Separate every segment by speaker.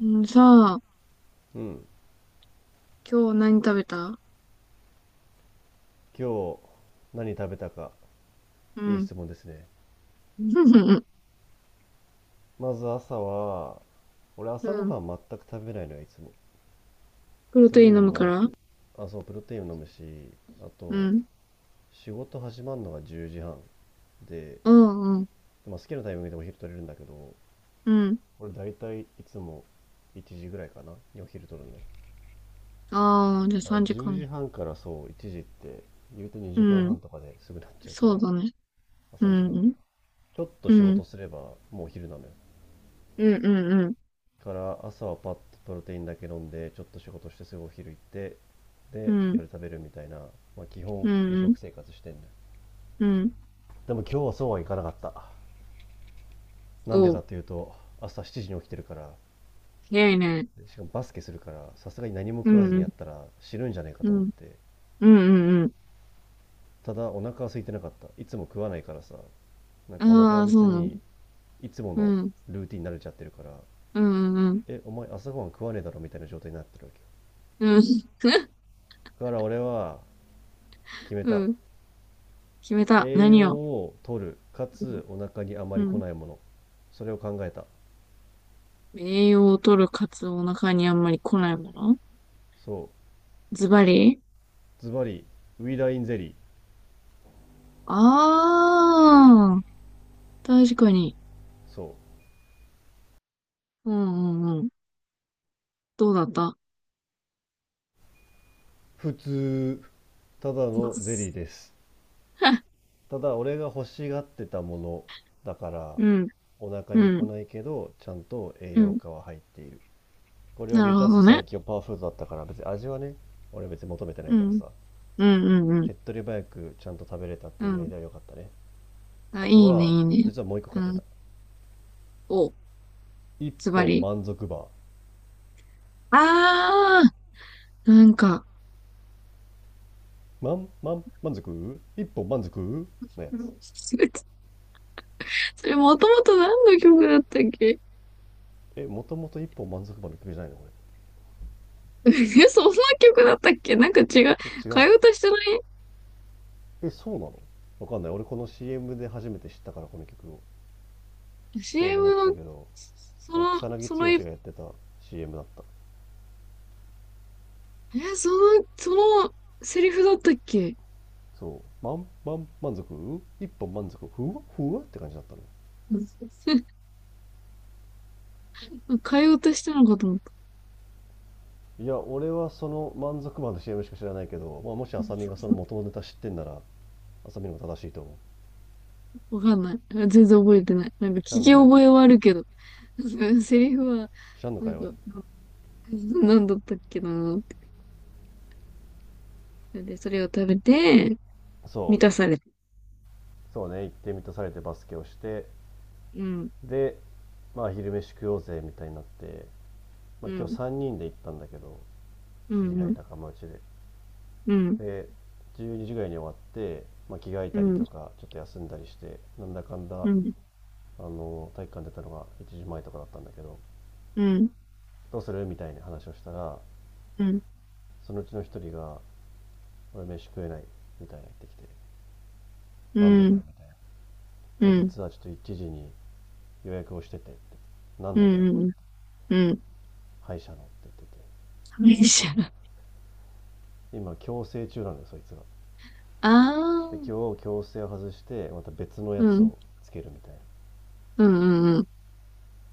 Speaker 1: うん、さあ、
Speaker 2: うん。
Speaker 1: 今日何食べた？
Speaker 2: 今日何食べたか、
Speaker 1: う
Speaker 2: いい
Speaker 1: ん。
Speaker 2: 質問ですね。まず朝は、俺
Speaker 1: う
Speaker 2: 朝ご
Speaker 1: ん。
Speaker 2: はん全く食べないのよ、いつも。
Speaker 1: プロ
Speaker 2: と
Speaker 1: テ
Speaker 2: い
Speaker 1: イ
Speaker 2: う
Speaker 1: ン
Speaker 2: の
Speaker 1: 飲むか
Speaker 2: も、
Speaker 1: ら。
Speaker 2: あ、そう、プロテインを飲むし、あ
Speaker 1: う
Speaker 2: と、
Speaker 1: ん。
Speaker 2: 仕事始まるのが10時半。で、
Speaker 1: うん、うん。
Speaker 2: まあ、好きなタイミングでお昼取れるんだけど、
Speaker 1: うん。
Speaker 2: 俺大体いつも1時ぐらいかな、にお昼取るんだよ。
Speaker 1: ああ、じゃあ
Speaker 2: だから
Speaker 1: 3
Speaker 2: 10
Speaker 1: 時間。
Speaker 2: 時半からそう、1時って、言うと
Speaker 1: う
Speaker 2: 2時間
Speaker 1: ん。
Speaker 2: 半とかですぐなっちゃうか
Speaker 1: そ
Speaker 2: ら、
Speaker 1: う
Speaker 2: ま
Speaker 1: だね。
Speaker 2: あ
Speaker 1: う
Speaker 2: 3時間かんはん
Speaker 1: ん、
Speaker 2: か。ちょっと
Speaker 1: う
Speaker 2: 仕
Speaker 1: ん。
Speaker 2: 事すればもうお昼なのよ。
Speaker 1: うん、うん、うん。
Speaker 2: から朝はパッとプロテインだけ飲んでちょっと仕事してすぐお昼行って、
Speaker 1: う
Speaker 2: で
Speaker 1: ん、
Speaker 2: 夜食べるみたいな、まあ、基
Speaker 1: う
Speaker 2: 本二
Speaker 1: ん、うん。
Speaker 2: 食生活してんの。
Speaker 1: うん、
Speaker 2: でも今日はそうはいかなかった。なんで
Speaker 1: お
Speaker 2: か
Speaker 1: う、
Speaker 2: っていうと、朝7時に起きてるから。
Speaker 1: 早いね。
Speaker 2: でしかもバスケするから、さすがに何も
Speaker 1: う
Speaker 2: 食わず
Speaker 1: ん、う
Speaker 2: に
Speaker 1: ん、
Speaker 2: やったら死ぬんじゃねえか
Speaker 1: う
Speaker 2: と思っ
Speaker 1: ん、
Speaker 2: て、
Speaker 1: うん、うん。うん、
Speaker 2: ただお腹は空いてなかった。いつも食わないからさ、なんかお腹
Speaker 1: あ
Speaker 2: は
Speaker 1: あ、そ
Speaker 2: 別
Speaker 1: うなんだ。
Speaker 2: にいつも
Speaker 1: う
Speaker 2: の
Speaker 1: ん、
Speaker 2: ルーティンに慣れちゃってるから、
Speaker 1: うん、うん、
Speaker 2: えお前朝ごはん食わねえだろみたいな状態になってるわけよ。
Speaker 1: うん。うん。
Speaker 2: だから俺は決め
Speaker 1: う
Speaker 2: た。
Speaker 1: ん、決めた。
Speaker 2: 栄
Speaker 1: 何
Speaker 2: 養
Speaker 1: を。
Speaker 2: を取る、か
Speaker 1: うん。
Speaker 2: つお腹にあまり
Speaker 1: う
Speaker 2: 来
Speaker 1: ん、
Speaker 2: ないもの。それを考えた。
Speaker 1: 栄養を取るカツオお腹にあんまり来ないもの。
Speaker 2: そう。
Speaker 1: ズバリ。
Speaker 2: ズバリ、ウイダインゼリー。
Speaker 1: ああ、確かに。
Speaker 2: そう。
Speaker 1: うんうんうん。どうだった？
Speaker 2: 普通。ただのゼ リーです。ただ、俺が欲しがってたものだから、
Speaker 1: うん、
Speaker 2: お腹
Speaker 1: う
Speaker 2: に来
Speaker 1: ん、
Speaker 2: ないけど、ちゃんと栄
Speaker 1: う
Speaker 2: 養
Speaker 1: ん。
Speaker 2: 価は入っている。これを
Speaker 1: なる
Speaker 2: 満
Speaker 1: ほ
Speaker 2: たす
Speaker 1: ど
Speaker 2: 最
Speaker 1: ね。
Speaker 2: 強パワーフードだったから、別に味はね、俺別に求めてない
Speaker 1: う
Speaker 2: から
Speaker 1: ん、
Speaker 2: さ。
Speaker 1: うん、うん、うん。
Speaker 2: 手っ取り早くちゃんと食べれたって
Speaker 1: う
Speaker 2: 意味合い
Speaker 1: ん。
Speaker 2: では良かったね。
Speaker 1: あ、
Speaker 2: あ
Speaker 1: い
Speaker 2: と
Speaker 1: いね、
Speaker 2: は、
Speaker 1: いいね。
Speaker 2: 実はもう一個
Speaker 1: う
Speaker 2: 買ってた。
Speaker 1: ん。お、
Speaker 2: 一
Speaker 1: ズバ
Speaker 2: 本
Speaker 1: リ。
Speaker 2: 満足バー。
Speaker 1: ああ、なんか、
Speaker 2: 満満満足一本満足のやつ。
Speaker 1: それもともと何の曲だったっけ？
Speaker 2: え、もともと一本満足版の曲じゃないのこれ。
Speaker 1: え、そんな曲だったっけ、なんか違う。
Speaker 2: え、違う
Speaker 1: 替え
Speaker 2: の？
Speaker 1: 歌してな
Speaker 2: え、そうなの？わかんない。俺この CM で初めて知ったから、この曲を。
Speaker 1: い？
Speaker 2: そうと思っ
Speaker 1: CM
Speaker 2: た
Speaker 1: の、
Speaker 2: けど、
Speaker 1: そ
Speaker 2: そう、
Speaker 1: の、
Speaker 2: 草
Speaker 1: そ
Speaker 2: 薙
Speaker 1: の、
Speaker 2: 剛
Speaker 1: え、
Speaker 2: がやってた CM だった。
Speaker 1: その、そのセリフだったっけ？
Speaker 2: そう、満満満足一本満足ふわふわって感じだったの。
Speaker 1: 会話としてなのかと思った。
Speaker 2: いや、俺はその満足版の CM しか知らないけど、まあ、もし浅見がその元のネタ知ってんなら、浅見のも正しいと思う。
Speaker 1: わかんない。全然覚えてない。なんか聞
Speaker 2: 知らんの
Speaker 1: き
Speaker 2: かい、
Speaker 1: 覚えはあるけど、セリフは、
Speaker 2: 知らんの
Speaker 1: な
Speaker 2: かい
Speaker 1: ん
Speaker 2: おい。
Speaker 1: かなんだったっけなって。でそれを食べて
Speaker 2: そ
Speaker 1: 満
Speaker 2: う、
Speaker 1: たされ。
Speaker 2: そうね、行ってみたされてバスケをして、
Speaker 1: うん
Speaker 2: で、まあ、昼飯食おうぜみたいになって、ま
Speaker 1: う
Speaker 2: あ、今日
Speaker 1: ん
Speaker 2: 3人で行ったんだけど、
Speaker 1: う
Speaker 2: 知り合い
Speaker 1: ん
Speaker 2: 仲間内で
Speaker 1: うん
Speaker 2: で12時ぐらいに終わって、まあ、着替え
Speaker 1: う
Speaker 2: たり
Speaker 1: んうん
Speaker 2: とかちょっと休んだりして、なんだかんだ
Speaker 1: うん
Speaker 2: あの体育館出たのが1時前とかだったんだけど、
Speaker 1: うん
Speaker 2: どうするみたいな話をしたら、
Speaker 1: うん
Speaker 2: そのうちの一人が「俺飯食えない」みたいな言ってきて
Speaker 1: う
Speaker 2: 「なんでだよ」
Speaker 1: ん
Speaker 2: みたい
Speaker 1: うん
Speaker 2: な、「いや
Speaker 1: うん
Speaker 2: 実はちょっと1時に予約をしてて」って。「何
Speaker 1: う
Speaker 2: のだよ」「
Speaker 1: んうん。うん。
Speaker 2: 歯医者の」って言ってて、今矯正中なのよそいつが。
Speaker 1: あ
Speaker 2: で
Speaker 1: あ。
Speaker 2: 今日強制を外してまた別のや
Speaker 1: う
Speaker 2: つ
Speaker 1: ん
Speaker 2: をつけるみたいな、
Speaker 1: うんうん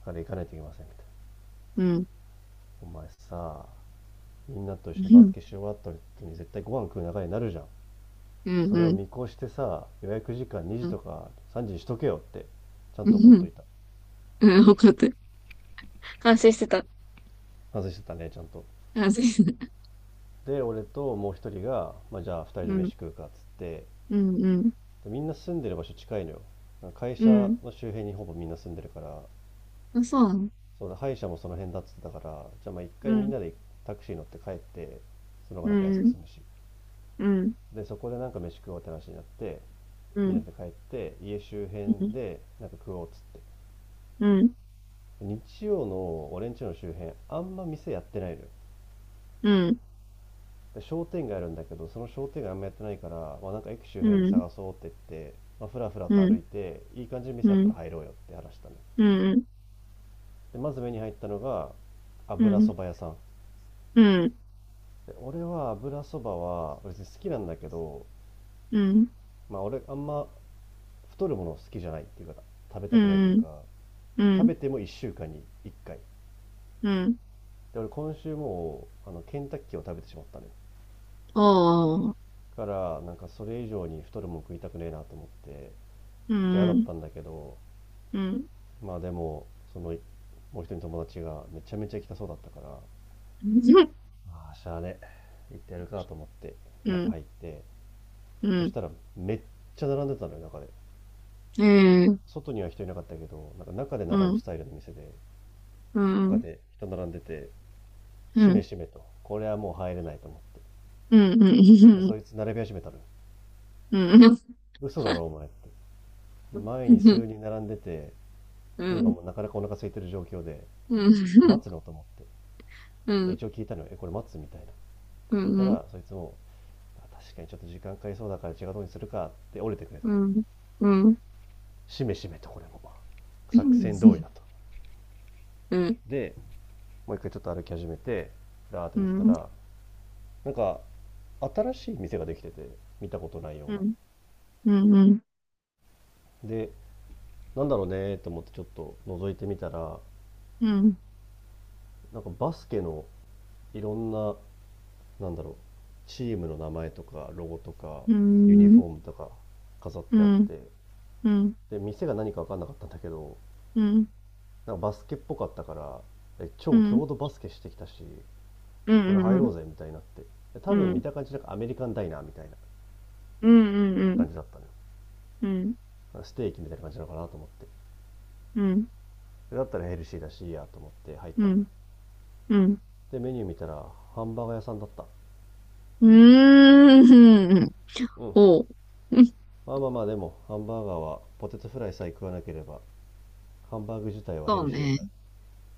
Speaker 2: あれ行かないといけませんみたいな。
Speaker 1: うん
Speaker 2: お前さ、みんなと
Speaker 1: う
Speaker 2: 一緒にバス
Speaker 1: ん
Speaker 2: ケし終わった後に絶対ご飯食う流れになるじゃん。
Speaker 1: うんうん
Speaker 2: それ
Speaker 1: う
Speaker 2: を
Speaker 1: ん
Speaker 2: 見越してさ、予約時間2時とか3時にしとけよって、ちゃん
Speaker 1: う
Speaker 2: と怒っと
Speaker 1: ん
Speaker 2: いた。
Speaker 1: うん。分かった。汗してた。
Speaker 2: 外してたねちゃんと。
Speaker 1: 汗。
Speaker 2: で俺ともう一人が、まあ、じゃあ二人
Speaker 1: う
Speaker 2: で飯
Speaker 1: ん。
Speaker 2: 食うかっつって、でみんな住んでる場所近いのよ、会社の周辺にほぼみんな住んでるから。そうだ、歯医者もその辺だっつってたから、じゃあまあ一回みんなでタクシー乗って帰って、その方がなんか安く済むし。で、そこでなんか飯食おうって話になって、みんなで帰って、家周辺でなんか食おうっつって。日曜の俺ん家の周辺、あんま店やってないのよ。で商店街あるんだけど、その商店街あんまやってないから、まあなんか駅周辺で探そうって言って、まあふらふらと歩いて、いい感じの店あったら入ろうよって話したの。で、まず目に入ったのが、油そば屋さん。で俺は油そばは別に好きなんだけど、まあ俺あんま太るもの好きじゃないっていうか、食べたくないというか、食べても1週間に1回。で、俺今週もうあのケンタッキーを食べてしまったね。だからなんかそれ以上に太るもん食いたくねえなと思って、ちょっと嫌だったんだけど、まあでも、そのもう一人の友達がめちゃめちゃ来きたそうだったから、ああ、しゃあね、行ってやるかと思って中入って、そしたらめっちゃ並んでたのよ、中で。外には人いなかったけど、なんか中で並ぶスタイルの店で、他で人並んでて、しめしめと、これはもう入れないと思って。そしたらそいつ並び始めたの。嘘だろお前って。前に数人並んでて、で今もうなかなかお腹空いてる状況で、待つのと思って。で一応聞いたのよ、え、これ待つみたいな。で聞いたら、そいつも、確かにちょっと時間かかりそうだから違うとうにするかって折れてくれたね。しめしめとこれも。作戦通りだと。で、もう一回ちょっと歩き始めて、だーっと見てたら、なんか新しい店ができてて、見たことないような。でなんだろうねと思ってちょっと覗いてみたら、
Speaker 1: うん、
Speaker 2: なんかバスケのいろんな、なんだろう、チームの名前とかロゴとか
Speaker 1: う
Speaker 2: ユニ
Speaker 1: ん、
Speaker 2: フォームとか飾っ
Speaker 1: う
Speaker 2: てあっ
Speaker 1: ん、
Speaker 2: て、
Speaker 1: うん、うん、
Speaker 2: で店が何か分かんなかったんだけど、
Speaker 1: うん、
Speaker 2: なんかバスケっぽかったから、え
Speaker 1: う
Speaker 2: 超
Speaker 1: ん、
Speaker 2: 強度バスケしてきたし、
Speaker 1: う
Speaker 2: これ入
Speaker 1: ん、う
Speaker 2: ろ
Speaker 1: ん、
Speaker 2: うぜみたいになって、で多
Speaker 1: う
Speaker 2: 分見
Speaker 1: ん、
Speaker 2: た感じなんかアメリカンダイナーみたいな
Speaker 1: うん、うん、
Speaker 2: 感じだったの、ね、
Speaker 1: う
Speaker 2: ステーキみたいな感じなのかなと思って、
Speaker 1: ん、
Speaker 2: だったらヘルシーだしいいやと思って入ったのよ。
Speaker 1: うん、
Speaker 2: でメニュー見たら、ハンバーガー屋さんだった。
Speaker 1: うん、
Speaker 2: うん。
Speaker 1: おう。
Speaker 2: まあまあまあでもハンバーガーはポテトフライさえ食わなければ、ハンバーグ自体はヘ
Speaker 1: そ
Speaker 2: ル
Speaker 1: う
Speaker 2: シーだ
Speaker 1: ね。
Speaker 2: か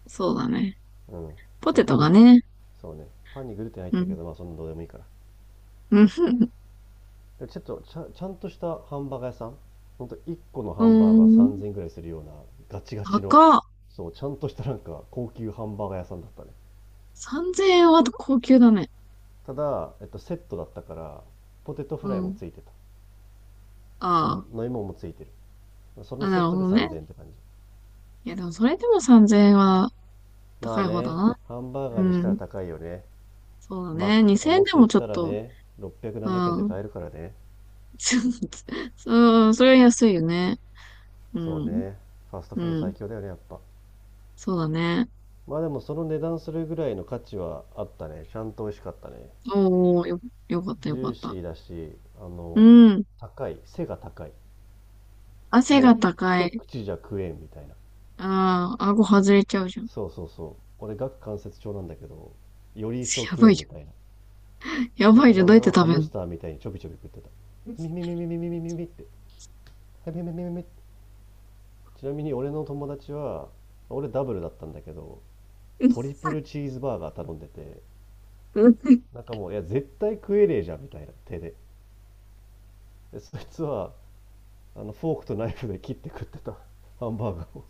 Speaker 1: そうだね。
Speaker 2: ら、うん、ま
Speaker 1: ポ
Speaker 2: あ、
Speaker 1: テ
Speaker 2: パ
Speaker 1: ト
Speaker 2: ン
Speaker 1: が
Speaker 2: に、
Speaker 1: ね。
Speaker 2: そうね、パンにグルテン入っ
Speaker 1: う
Speaker 2: てるけ
Speaker 1: ん。
Speaker 2: ど、まあそんなどうでもいいから。
Speaker 1: うん。
Speaker 2: でちょっとちゃんとしたハンバーガー屋さん、ほんと1個のハ
Speaker 1: うー
Speaker 2: ンバーガー
Speaker 1: ん。
Speaker 2: 3000ぐらいするような、ガチガチの、
Speaker 1: 高っ。
Speaker 2: そうちゃんとしたなんか高級ハンバーガー屋さんだったね。
Speaker 1: 3000円は高級だね。
Speaker 2: ただ、セットだったから、ポテトフ
Speaker 1: う
Speaker 2: ライも
Speaker 1: ん。
Speaker 2: ついてた。あと
Speaker 1: あ
Speaker 2: 飲み物もついてる。そ
Speaker 1: あ。
Speaker 2: の
Speaker 1: あ、
Speaker 2: セ
Speaker 1: な
Speaker 2: ッ
Speaker 1: る
Speaker 2: ト
Speaker 1: ほ
Speaker 2: で
Speaker 1: どね。
Speaker 2: 3000円って感じ。
Speaker 1: いや、でもそれでも3000円は
Speaker 2: まあ
Speaker 1: 高い方だ
Speaker 2: ね、
Speaker 1: な。
Speaker 2: ハンバー
Speaker 1: う
Speaker 2: ガーにしたら
Speaker 1: ん。
Speaker 2: 高いよね。
Speaker 1: そうだ
Speaker 2: マッ
Speaker 1: ね。
Speaker 2: クとか
Speaker 1: 2000円
Speaker 2: モ
Speaker 1: で
Speaker 2: ス
Speaker 1: も
Speaker 2: 行っ
Speaker 1: ちょっ
Speaker 2: たら
Speaker 1: と、
Speaker 2: ね、600、
Speaker 1: う
Speaker 2: 7円で
Speaker 1: ん。
Speaker 2: 買えるからね。
Speaker 1: そう、そう、それは安いよね。う
Speaker 2: そう
Speaker 1: ん。
Speaker 2: ね。ファスト
Speaker 1: う
Speaker 2: フード最
Speaker 1: ん。
Speaker 2: 強だよね、やっぱ。
Speaker 1: そうだね。
Speaker 2: まあでもその値段するぐらいの価値はあったね。ちゃんと美味しかったね。
Speaker 1: おー、よ、よかった
Speaker 2: ジ
Speaker 1: よか
Speaker 2: ュー
Speaker 1: っ
Speaker 2: シ
Speaker 1: た。
Speaker 2: ーだし、
Speaker 1: うん。
Speaker 2: 高い。背が高い。
Speaker 1: 汗
Speaker 2: も
Speaker 1: が
Speaker 2: う
Speaker 1: 高
Speaker 2: 一
Speaker 1: い。
Speaker 2: 口じゃ食えんみたいな。
Speaker 1: ああ、顎外れちゃうじゃん。
Speaker 2: そうそうそう。俺、顎関節症なんだけど、より一層
Speaker 1: や
Speaker 2: 食え
Speaker 1: ばい
Speaker 2: ん
Speaker 1: じ
Speaker 2: みたいな。
Speaker 1: ゃん。や
Speaker 2: だ
Speaker 1: ば
Speaker 2: か
Speaker 1: いじ
Speaker 2: ら
Speaker 1: ゃん。どう
Speaker 2: 俺
Speaker 1: やって
Speaker 2: はハ
Speaker 1: 食べ
Speaker 2: ムス
Speaker 1: ん
Speaker 2: ターみたいにちょびちょび食ってた。ミミミミミミミミミって。へめめめめ。ちなみに俺の友達は、俺ダブルだったんだけど、トリプルチーズバーガー頼んでて、
Speaker 1: の？
Speaker 2: なんかもういや絶対食えねえじゃんみたいな手で。でそいつはあのフォークとナイフで切って食ってた、ハンバーガーを。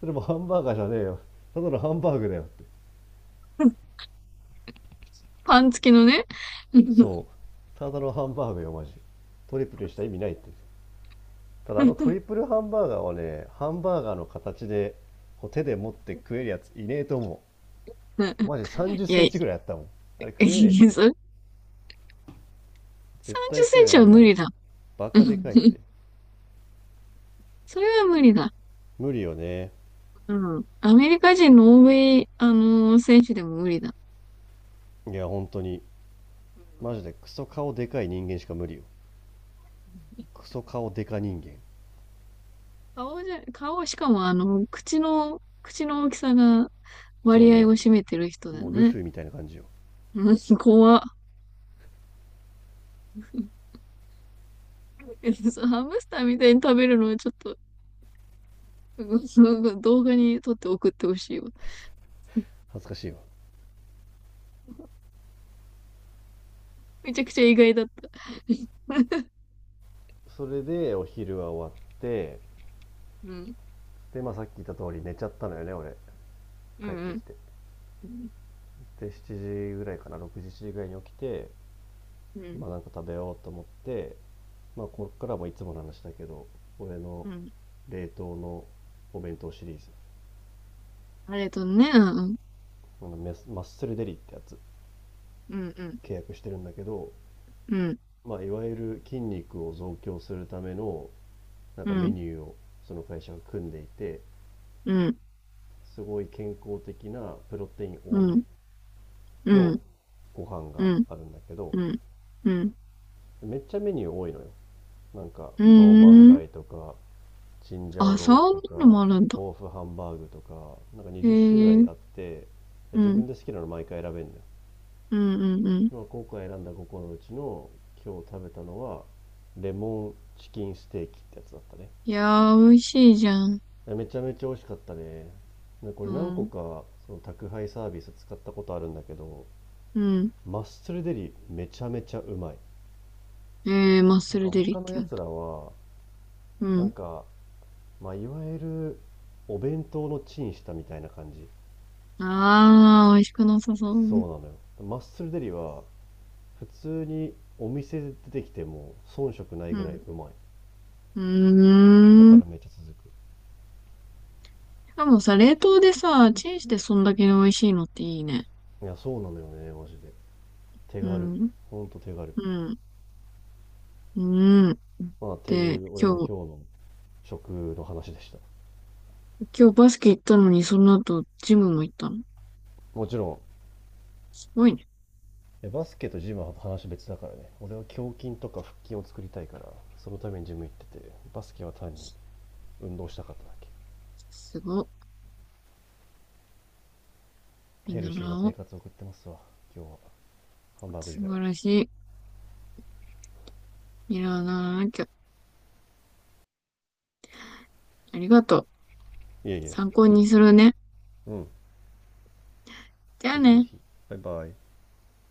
Speaker 2: それもハンバーガーじゃねえよ、ただのハンバーグだよって。
Speaker 1: パン付きのね。
Speaker 2: そうただのハンバーグよマジ、トリプルにした意味ないって。ただあのトリプ ルハンバーガーはね、ハンバーガーの形でこう手で持って食えるやついねえと思う、マジ3 0セ
Speaker 1: いや、い
Speaker 2: ン
Speaker 1: や、
Speaker 2: チぐらいあったもん。あれ食えねえって、
Speaker 1: それ
Speaker 2: 絶
Speaker 1: 30セ
Speaker 2: 対食
Speaker 1: ン
Speaker 2: えない
Speaker 1: チ
Speaker 2: あ
Speaker 1: は
Speaker 2: ん
Speaker 1: 無
Speaker 2: なの、
Speaker 1: 理だ。
Speaker 2: バカでかいって。
Speaker 1: それは無理だ。
Speaker 2: 無理よね。
Speaker 1: うん。アメリカ人の欧米、選手でも無理だ。
Speaker 2: いや本当に、
Speaker 1: うん、
Speaker 2: マジでクソ顔でかい人間しか無理よ、クソ顔でか人間。
Speaker 1: 顔じゃ、顔、しかもあの、口の、口の大きさが
Speaker 2: そう
Speaker 1: 割合
Speaker 2: ね、
Speaker 1: を占めてる人だ
Speaker 2: もうル
Speaker 1: ね。
Speaker 2: フィみたいな感じよ。
Speaker 1: うん、怖っ。そうハムスターみたいに食べるのはちょっと、うん動画に撮って送ってほしいわ。
Speaker 2: 恥ずかしいわ。
Speaker 1: めちゃくちゃ意外だった。
Speaker 2: それでお昼は終わって、
Speaker 1: うん。
Speaker 2: でまあさっき言った通り寝ちゃったのよね俺、
Speaker 1: う
Speaker 2: 帰ってき
Speaker 1: ん、
Speaker 2: て。
Speaker 1: うん。
Speaker 2: で7時ぐらいかな、6時7時ぐらいに起きて、
Speaker 1: うん、
Speaker 2: まあなんか食べようと思って、まあこっからもいつもの話だけど、俺の
Speaker 1: うん。
Speaker 2: 冷凍のお弁当シリーズ、
Speaker 1: あれとね、うん、
Speaker 2: あのマッスルデリってやつ
Speaker 1: うん、
Speaker 2: 契約してるんだけど、
Speaker 1: うん、
Speaker 2: まあ、いわゆる筋肉を増強するためのなん
Speaker 1: う
Speaker 2: か
Speaker 1: ん、う
Speaker 2: メ
Speaker 1: ん、
Speaker 2: ニューをその会社が組んでいて、
Speaker 1: うん、
Speaker 2: すごい健康的なプロテイン
Speaker 1: う
Speaker 2: 多め
Speaker 1: ん、う
Speaker 2: の
Speaker 1: ん、
Speaker 2: ご飯
Speaker 1: う
Speaker 2: が
Speaker 1: ん、
Speaker 2: あるんだけど、
Speaker 1: うん、うん、うん。
Speaker 2: めっちゃメニュー多いのよ。なんか
Speaker 1: う
Speaker 2: カオマン
Speaker 1: ん、
Speaker 2: ガイとか、チンジャオ
Speaker 1: あ、そ
Speaker 2: ロース
Speaker 1: ん
Speaker 2: と
Speaker 1: なの
Speaker 2: か、
Speaker 1: もあるんだ。
Speaker 2: 豆腐ハンバーグとか、なんか
Speaker 1: へ
Speaker 2: 20種
Speaker 1: え、う
Speaker 2: 類
Speaker 1: ん、
Speaker 2: あって、
Speaker 1: う
Speaker 2: 自分
Speaker 1: ん、
Speaker 2: で好きなの毎回選べるんだよ。
Speaker 1: うん、うん。
Speaker 2: まあ、今回選んだ5個のうちの今日食べたのはレモンチキンステーキってやつだったね。
Speaker 1: いやー、美味しいじゃん。
Speaker 2: めちゃめちゃ美味しかったね。こ
Speaker 1: う
Speaker 2: れ何個
Speaker 1: ん。
Speaker 2: かその宅配サービス使ったことあるんだけど、
Speaker 1: うん。
Speaker 2: マッスルデリめちゃめちゃうまい。
Speaker 1: えー、マッ
Speaker 2: なん
Speaker 1: ス
Speaker 2: か
Speaker 1: ルデリっ
Speaker 2: 他の
Speaker 1: て
Speaker 2: や
Speaker 1: 言うんだ。
Speaker 2: つらは、
Speaker 1: う
Speaker 2: なん
Speaker 1: ん。
Speaker 2: か、まあ、いわゆるお弁当のチンしたみたいな感じ。
Speaker 1: あー、美味しくなさそう。
Speaker 2: そ
Speaker 1: うん。
Speaker 2: うなのよ。マッスルデリは普通にお店で出てきても遜色ないぐらいうまい。
Speaker 1: う
Speaker 2: だ
Speaker 1: ー
Speaker 2: か
Speaker 1: ん。し
Speaker 2: らめっちゃ続く。
Speaker 1: かもさ、冷凍でさ、チンしてそんだけ美味しいのっていいね。
Speaker 2: いや、そうなのよね、マジで。手
Speaker 1: う
Speaker 2: 軽。
Speaker 1: ん。
Speaker 2: ほんと手軽。
Speaker 1: うん。うん。
Speaker 2: まあ、ってい
Speaker 1: で、
Speaker 2: う俺
Speaker 1: 今
Speaker 2: の
Speaker 1: 日、
Speaker 2: 今日の食の話でした。
Speaker 1: 今日バスケ行ったのに、その後、ジムも行ったの。
Speaker 2: もちろん、
Speaker 1: すごいね。
Speaker 2: バスケとジムは話別だからね。俺は胸筋とか腹筋を作りたいからそのためにジム行ってて、バスケは単に運動したかっただけ。
Speaker 1: すご。見
Speaker 2: ヘルシーな
Speaker 1: 習お
Speaker 2: 生
Speaker 1: う。
Speaker 2: 活を送ってますわ、今日はハンバーグ
Speaker 1: 素
Speaker 2: 以外。
Speaker 1: 晴らしい。見習わなきゃ。ありがとう。
Speaker 2: いえいえ。
Speaker 1: 参考にするね。
Speaker 2: うん。
Speaker 1: じゃあ
Speaker 2: ぜひぜ
Speaker 1: ね。
Speaker 2: ひ。バイバイ。